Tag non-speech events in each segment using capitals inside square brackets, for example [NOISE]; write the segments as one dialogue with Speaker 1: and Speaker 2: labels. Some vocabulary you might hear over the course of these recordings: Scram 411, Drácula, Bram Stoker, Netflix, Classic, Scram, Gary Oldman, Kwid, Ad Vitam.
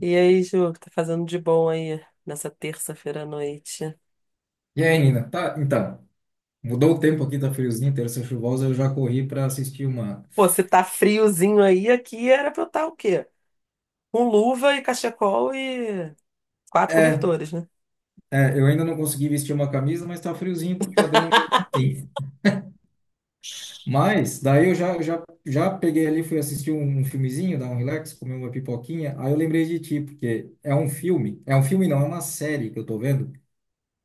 Speaker 1: E aí, Ju, o que tá fazendo de bom aí nessa terça-feira à noite?
Speaker 2: E aí, Nina? Mudou o tempo aqui, tá friozinho, terça chuvosa, eu já corri para assistir uma.
Speaker 1: Pô, se tá friozinho aí, aqui era pra eu estar o quê? Com luva e cachecol e quatro cobertores, né?
Speaker 2: É, eu ainda não consegui vestir uma camisa, mas tá friozinho pro padrão mesmo assim. Mas daí eu já peguei ali, fui assistir um filmezinho, dar um relax, comer uma pipoquinha. Aí eu lembrei de ti, porque é um filme não, é uma série que eu tô vendo,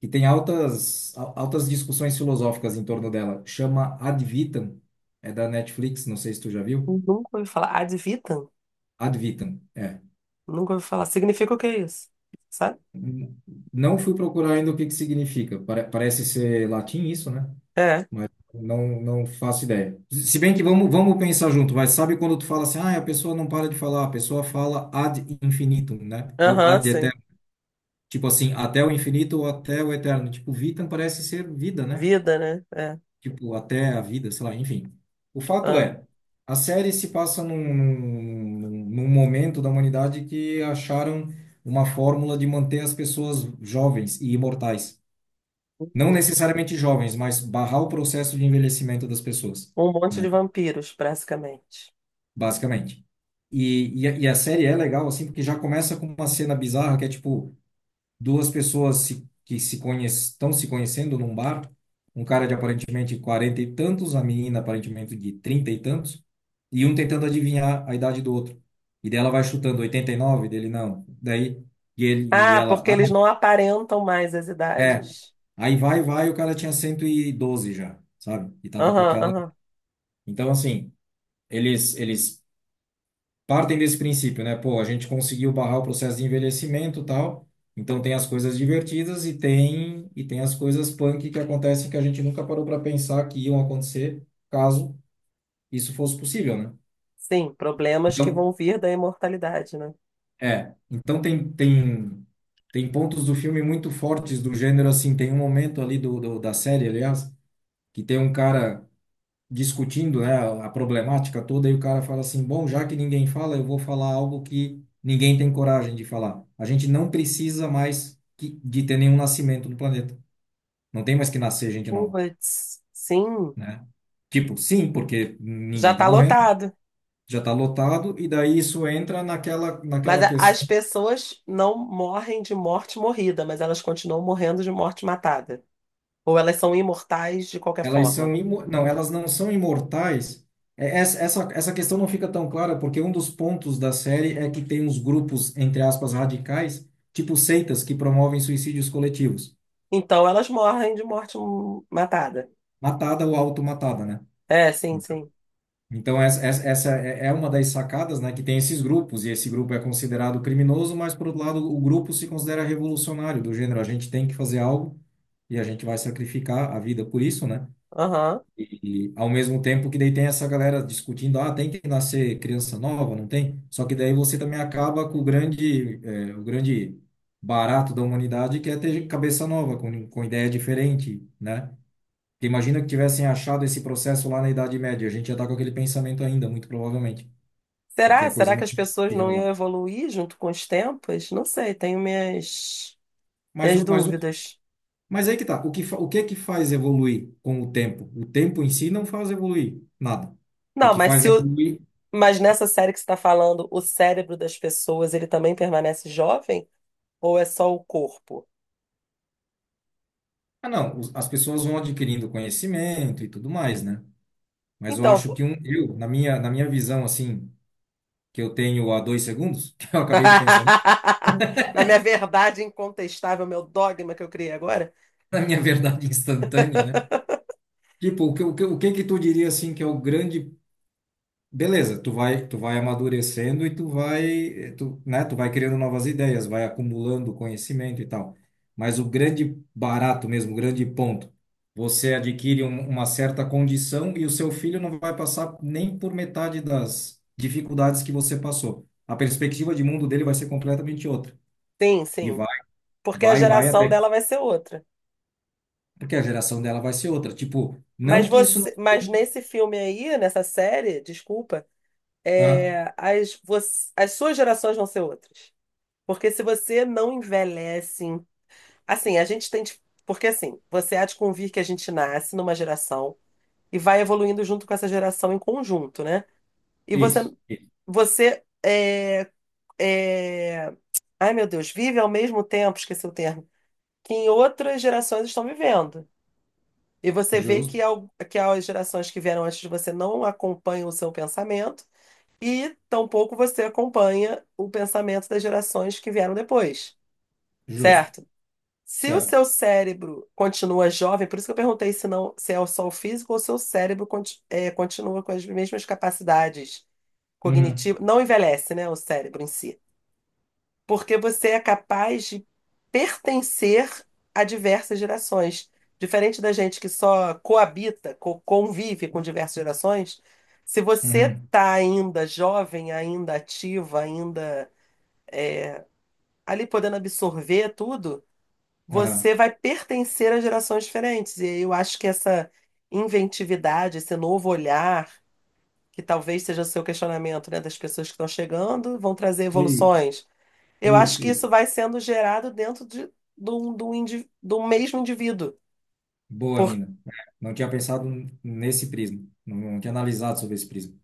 Speaker 2: que tem altas discussões filosóficas em torno dela. Chama Ad Vitam, é da Netflix, não sei se tu já viu.
Speaker 1: Nunca ouvi falar. Ad vitam?
Speaker 2: Ad Vitam. É.
Speaker 1: Nunca ouvi falar. Significa o que é isso? Sabe?
Speaker 2: Não fui procurar ainda o que que significa. Parece ser latim isso, né?
Speaker 1: É.
Speaker 2: Mas não faço ideia. Se bem que vamos pensar junto, mas sabe quando tu fala assim, ah, a pessoa não para de falar, a pessoa fala ad infinitum, né? Ou
Speaker 1: Aham,
Speaker 2: ad
Speaker 1: sim.
Speaker 2: eterno. Tipo assim, até o infinito ou até o eterno. Tipo, vitam parece ser vida, né?
Speaker 1: Vida, né? É.
Speaker 2: Tipo, até a vida, sei lá, enfim. O fato
Speaker 1: Ah.
Speaker 2: é, a série se passa num momento da humanidade que acharam uma fórmula de manter as pessoas jovens e imortais. Não necessariamente jovens, mas barrar o processo de envelhecimento das pessoas,
Speaker 1: Um monte de
Speaker 2: né?
Speaker 1: vampiros, basicamente.
Speaker 2: Basicamente. E a série é legal, assim, porque já começa com uma cena bizarra que é tipo. Duas pessoas se, que se conhec estão se conhecendo num bar, um cara de aparentemente 40 e tantos, a menina aparentemente de 30 e tantos, e um tentando adivinhar a idade do outro. E dela vai chutando 89, dele não. Daí, e ele e
Speaker 1: Ah,
Speaker 2: ela,
Speaker 1: porque
Speaker 2: ah,
Speaker 1: eles não aparentam mais as idades.
Speaker 2: aí vai, o cara tinha 112 já, sabe? E tava com
Speaker 1: Aham,
Speaker 2: aquela.
Speaker 1: aham.
Speaker 2: Então, assim, eles partem desse princípio, né? Pô, a gente conseguiu barrar o processo de envelhecimento, e tal. Então tem as coisas divertidas e tem as coisas punk que acontecem que a gente nunca parou para pensar que iam acontecer caso isso fosse possível, né?
Speaker 1: Sim, problemas que
Speaker 2: Então,
Speaker 1: vão vir da imortalidade, né?
Speaker 2: é, então tem tem pontos do filme muito fortes do gênero assim, tem um momento ali do, do da série, aliás, que tem um cara discutindo, né, a problemática toda, e o cara fala assim: bom, já que ninguém fala, eu vou falar algo que ninguém tem coragem de falar. A gente não precisa de ter nenhum nascimento no planeta. Não tem mais que nascer gente nova,
Speaker 1: Puts, sim.
Speaker 2: né? Tipo, sim, porque
Speaker 1: Já
Speaker 2: ninguém tá
Speaker 1: está
Speaker 2: morrendo,
Speaker 1: lotado.
Speaker 2: já tá lotado, e daí isso entra
Speaker 1: Mas
Speaker 2: naquela
Speaker 1: a- as
Speaker 2: questão.
Speaker 1: pessoas não morrem de morte morrida, mas elas continuam morrendo de morte matada. Ou elas são imortais de qualquer
Speaker 2: Elas são
Speaker 1: forma.
Speaker 2: imo... não, elas não são imortais. É. Essa questão não fica tão clara porque um dos pontos da série é que tem uns grupos, entre aspas, radicais, tipo seitas que promovem suicídios coletivos,
Speaker 1: Então elas morrem de morte matada.
Speaker 2: matada ou automatada, né?
Speaker 1: É, sim, sim.
Speaker 2: Então essa é é uma das sacadas, né, que tem esses grupos e esse grupo é considerado criminoso, mas por outro lado o grupo se considera revolucionário do gênero, a gente tem que fazer algo e a gente vai sacrificar a vida por isso, né?
Speaker 1: Aham.
Speaker 2: E ao mesmo tempo que daí tem essa galera discutindo, ah, tem que nascer criança nova, não tem? Só que daí você também acaba com o grande, o grande barato da humanidade, que é ter cabeça nova, com ideia diferente, né? Porque imagina que tivessem achado esse processo lá na Idade Média, a gente ia estar com aquele pensamento ainda, muito provavelmente, porque
Speaker 1: Será?
Speaker 2: a
Speaker 1: Será
Speaker 2: coisa
Speaker 1: que
Speaker 2: não
Speaker 1: as pessoas
Speaker 2: se
Speaker 1: não iam
Speaker 2: renovar.
Speaker 1: evoluir junto com os tempos? Não sei, tenho
Speaker 2: Mas
Speaker 1: minhas
Speaker 2: o, mas o,
Speaker 1: dúvidas.
Speaker 2: mas aí que tá, o que é que faz evoluir com o tempo? O tempo em si não faz evoluir nada. O
Speaker 1: Não,
Speaker 2: que
Speaker 1: mas
Speaker 2: faz
Speaker 1: se o-
Speaker 2: evoluir
Speaker 1: Mas nessa série que você está falando, o cérebro das pessoas, ele também permanece jovem? Ou é só o corpo?
Speaker 2: ah, não, os- as pessoas vão adquirindo conhecimento e tudo mais, né? Mas eu
Speaker 1: Então,
Speaker 2: acho que um, eu, na minha visão, assim, que eu tenho há dois segundos, [LAUGHS] que eu acabei de pensar,
Speaker 1: [LAUGHS] na minha verdade incontestável, meu dogma que eu criei agora?
Speaker 2: na minha verdade instantânea, né? Tipo, o que que tu diria, assim, que é o grande beleza, tu vai amadurecendo e né, tu vai criando novas ideias, vai acumulando conhecimento e tal. Mas o grande barato mesmo, o grande ponto, você adquire uma certa condição e o seu filho não vai passar nem por metade das dificuldades que você passou. A perspectiva de mundo dele vai ser completamente outra.
Speaker 1: Sim,
Speaker 2: E
Speaker 1: sim. Porque a
Speaker 2: vai
Speaker 1: geração
Speaker 2: até que-
Speaker 1: dela vai ser outra.
Speaker 2: porque a geração dela vai ser outra. Tipo,
Speaker 1: Mas
Speaker 2: não que isso não...
Speaker 1: você, mas nesse filme aí, nessa série, desculpa,
Speaker 2: Aham,
Speaker 1: as suas gerações vão ser outras. Porque se você não envelhece, assim, a gente tem, de- porque assim, você há de convir que a gente nasce numa geração e vai evoluindo junto com essa geração em conjunto, né? E você,
Speaker 2: isso, isso.
Speaker 1: você é, é, ai meu Deus, vive ao mesmo tempo, esqueci o termo, que em outras gerações estão vivendo. E você vê
Speaker 2: Justo,
Speaker 1: que as gerações que vieram antes de você não acompanham o seu pensamento e tampouco você acompanha o pensamento das gerações que vieram depois,
Speaker 2: justo,
Speaker 1: certo? Se o
Speaker 2: certo.
Speaker 1: seu cérebro continua jovem, por isso que eu perguntei se não, se é só o físico ou se o seu cérebro continua com as mesmas capacidades
Speaker 2: Uhum,
Speaker 1: cognitivas, não envelhece, né, o cérebro em si. Porque você é capaz de pertencer a diversas gerações. Diferente da gente que só convive com diversas gerações, se você
Speaker 2: uhum,
Speaker 1: está ainda jovem, ainda ativa, ainda ali podendo absorver tudo,
Speaker 2: aham.
Speaker 1: você vai pertencer a gerações diferentes. E eu acho que essa inventividade, esse novo olhar, que talvez seja o seu questionamento, né, das pessoas que estão chegando, vão trazer
Speaker 2: Isso,
Speaker 1: evoluções, eu acho
Speaker 2: isso,
Speaker 1: que
Speaker 2: isso.
Speaker 1: isso vai sendo gerado dentro de, do, do, indi- do mesmo indivíduo.
Speaker 2: Boa,
Speaker 1: Por-
Speaker 2: Nina. É, não tinha pensado nesse prisma. Não, não tinha analisado sobre esse prisma.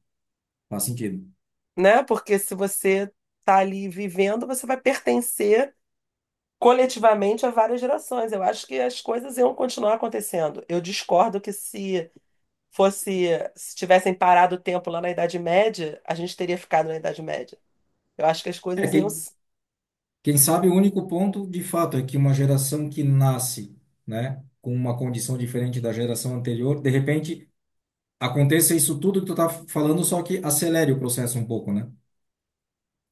Speaker 2: Faz sentido.
Speaker 1: né? Porque se você está ali vivendo, você vai pertencer coletivamente a várias gerações. Eu acho que as coisas iam continuar acontecendo. Eu discordo que fosse, se tivessem parado o tempo lá na Idade Média, a gente teria ficado na Idade Média. Eu acho que as
Speaker 2: É,
Speaker 1: coisas iam.
Speaker 2: quem sabe o único ponto, de fato, é que uma geração que nasce, né, com uma condição diferente da geração anterior, de repente aconteça isso tudo que tu tá falando, só que acelere o processo um pouco, né?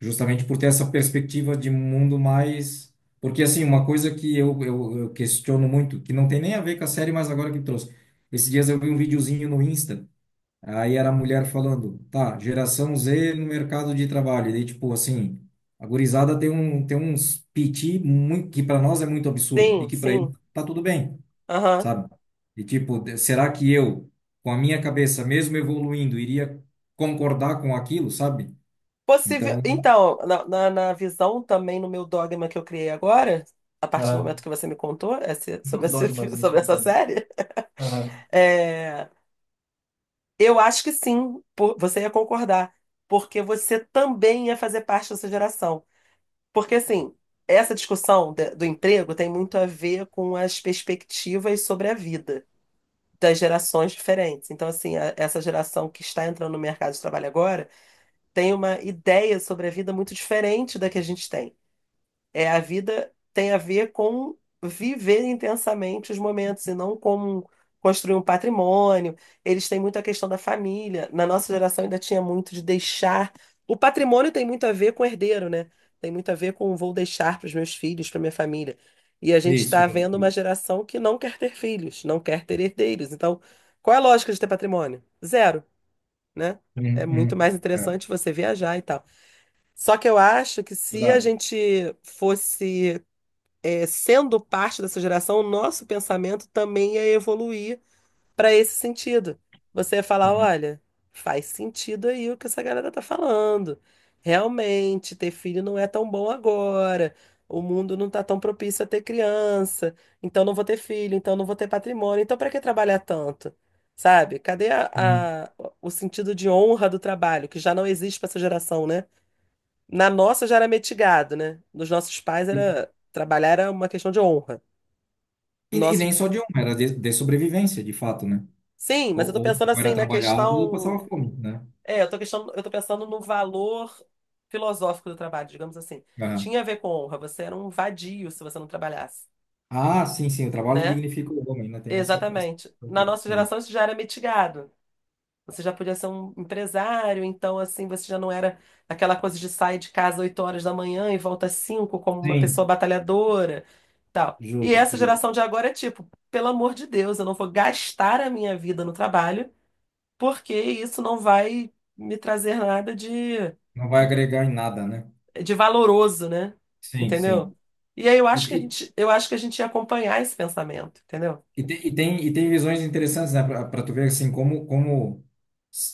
Speaker 2: Justamente por ter essa perspectiva de mundo mais. Porque, assim, uma coisa que eu questiono muito, que não tem nem a ver com a série, mas agora que trouxe. Esses dias eu vi um videozinho no Insta. Aí era a mulher falando, tá, geração Z no mercado de trabalho. E daí, tipo, assim, a gurizada tem, tem uns piti muito, que para nós é muito absurdo e
Speaker 1: Sim,
Speaker 2: que para ele
Speaker 1: sim.
Speaker 2: tá tudo bem, sabe? E, tipo, será que eu, com a minha cabeça, mesmo evoluindo, iria concordar com aquilo, sabe?
Speaker 1: Possível.
Speaker 2: Então,
Speaker 1: Então, na visão também, no meu dogma que eu criei agora, a partir do
Speaker 2: ah,
Speaker 1: momento que você me contou
Speaker 2: os
Speaker 1: esse
Speaker 2: dogmas
Speaker 1: [LAUGHS] sobre essa
Speaker 2: instantâneos.
Speaker 1: série,
Speaker 2: Aham.
Speaker 1: é, eu acho que sim, você ia concordar, porque você também ia fazer parte dessa geração. Porque, assim, essa do emprego tem muito a ver com as perspectivas sobre a vida das gerações diferentes. Então, assim, essa geração que está entrando no mercado de trabalho agora tem uma ideia sobre a vida muito diferente da que a gente tem. É, a vida tem a ver com viver intensamente os momentos e não com construir um patrimônio. Eles têm muito a questão da família. Na nossa geração ainda tinha muito de deixar. O patrimônio tem muito a ver com herdeiro, né? Tem muito a ver com vou deixar para os meus filhos, para minha família. E a gente
Speaker 2: Isso,
Speaker 1: está
Speaker 2: justo.
Speaker 1: vendo uma
Speaker 2: Justo.
Speaker 1: geração que não quer ter filhos, não quer ter herdeiros. Então, qual é a lógica de ter patrimônio? Zero, né? É
Speaker 2: Uhum.
Speaker 1: muito mais
Speaker 2: Uhum. Certo.
Speaker 1: interessante você viajar e tal. Só que eu acho que se a
Speaker 2: Verdade.
Speaker 1: gente fosse, é, sendo parte dessa geração, o nosso pensamento também ia evoluir para esse sentido. Você ia falar,
Speaker 2: Aham.
Speaker 1: olha, faz sentido aí o que essa galera tá falando. Realmente, ter filho não é tão bom agora. O mundo não tá tão propício a ter criança. Então não vou ter filho, então não vou ter patrimônio. Então para que trabalhar tanto? Sabe? Cadê
Speaker 2: Uhum.
Speaker 1: o sentido de honra do trabalho, que já não existe para essa geração, né? Na nossa já era metigado, né? Nos nossos pais
Speaker 2: E,
Speaker 1: era trabalhar, era uma questão de honra.
Speaker 2: e
Speaker 1: Nosso...
Speaker 2: nem só de uma, era de sobrevivência, de fato, né?
Speaker 1: Sim, mas eu tô pensando
Speaker 2: Ou era
Speaker 1: assim na
Speaker 2: trabalhado ou passava
Speaker 1: questão,
Speaker 2: fome, né?
Speaker 1: eu tô pensando no valor filosófico do trabalho, digamos assim.
Speaker 2: Aham.
Speaker 1: Tinha a ver com honra, você era um vadio se você não trabalhasse,
Speaker 2: Ah, sim, sim, o trabalho
Speaker 1: né?
Speaker 2: dignifica o homem, né? Tem essa...
Speaker 1: Exatamente. Na nossa
Speaker 2: Aham.
Speaker 1: geração isso já era mitigado. Você já podia ser um empresário, então assim, você já não era aquela coisa de sair de casa 8 horas da manhã e volta às 5 como uma pessoa
Speaker 2: Sim,
Speaker 1: batalhadora, tal. E
Speaker 2: justo,
Speaker 1: essa
Speaker 2: justo.
Speaker 1: geração de agora é tipo, pelo amor de Deus, eu não vou gastar a minha vida no trabalho, porque isso não vai me trazer nada
Speaker 2: Não vai agregar em nada, né?
Speaker 1: de valoroso, né?
Speaker 2: Sim,
Speaker 1: Entendeu?
Speaker 2: sim.
Speaker 1: E aí eu
Speaker 2: E,
Speaker 1: acho
Speaker 2: e,
Speaker 1: eu acho que a gente ia acompanhar esse pensamento, entendeu?
Speaker 2: e tem visões interessantes, né? Para tu ver, assim, como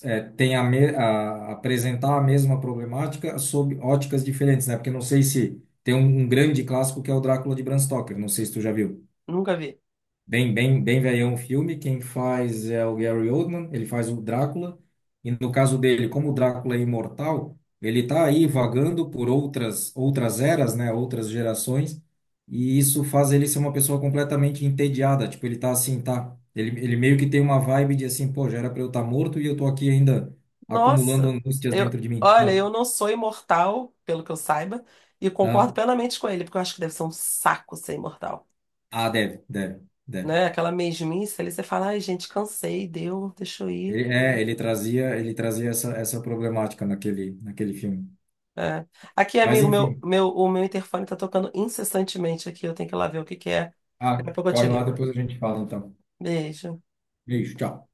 Speaker 2: é, tem a apresentar a mesma problemática sob óticas diferentes, né? Porque não sei se tem um grande clássico que é o Drácula de Bram Stoker, não sei se tu já viu.
Speaker 1: Nunca vi.
Speaker 2: Bem velhão o filme. Quem faz é o Gary Oldman, ele faz o Drácula. E no caso dele, como o Drácula é imortal, ele está aí vagando por outras eras, né, outras gerações, e isso faz ele ser uma pessoa completamente entediada, tipo, ele tá assim, tá, ele meio que tem uma vibe de assim, pô, já era para eu estar morto e eu tô aqui ainda acumulando
Speaker 1: Nossa,
Speaker 2: angústias dentro de mim,
Speaker 1: olha,
Speaker 2: sabe?
Speaker 1: eu não sou imortal, pelo que eu saiba, e concordo
Speaker 2: Ah,
Speaker 1: plenamente com ele, porque eu acho que deve ser um saco ser imortal,
Speaker 2: deve, deve.
Speaker 1: né? Aquela mesmice ali, você fala, ai, gente, cansei, deu, deixa eu ir.
Speaker 2: Ele trazia essa, essa problemática naquele filme.
Speaker 1: É. Aqui,
Speaker 2: Mas
Speaker 1: amigo,
Speaker 2: enfim,
Speaker 1: o meu interfone tá tocando incessantemente aqui, eu tenho que ir lá ver o que que é.
Speaker 2: ah,
Speaker 1: Daqui a pouco eu te
Speaker 2: corre lá,
Speaker 1: ligo.
Speaker 2: depois a gente fala então.
Speaker 1: Beijo.
Speaker 2: Beijo, tchau.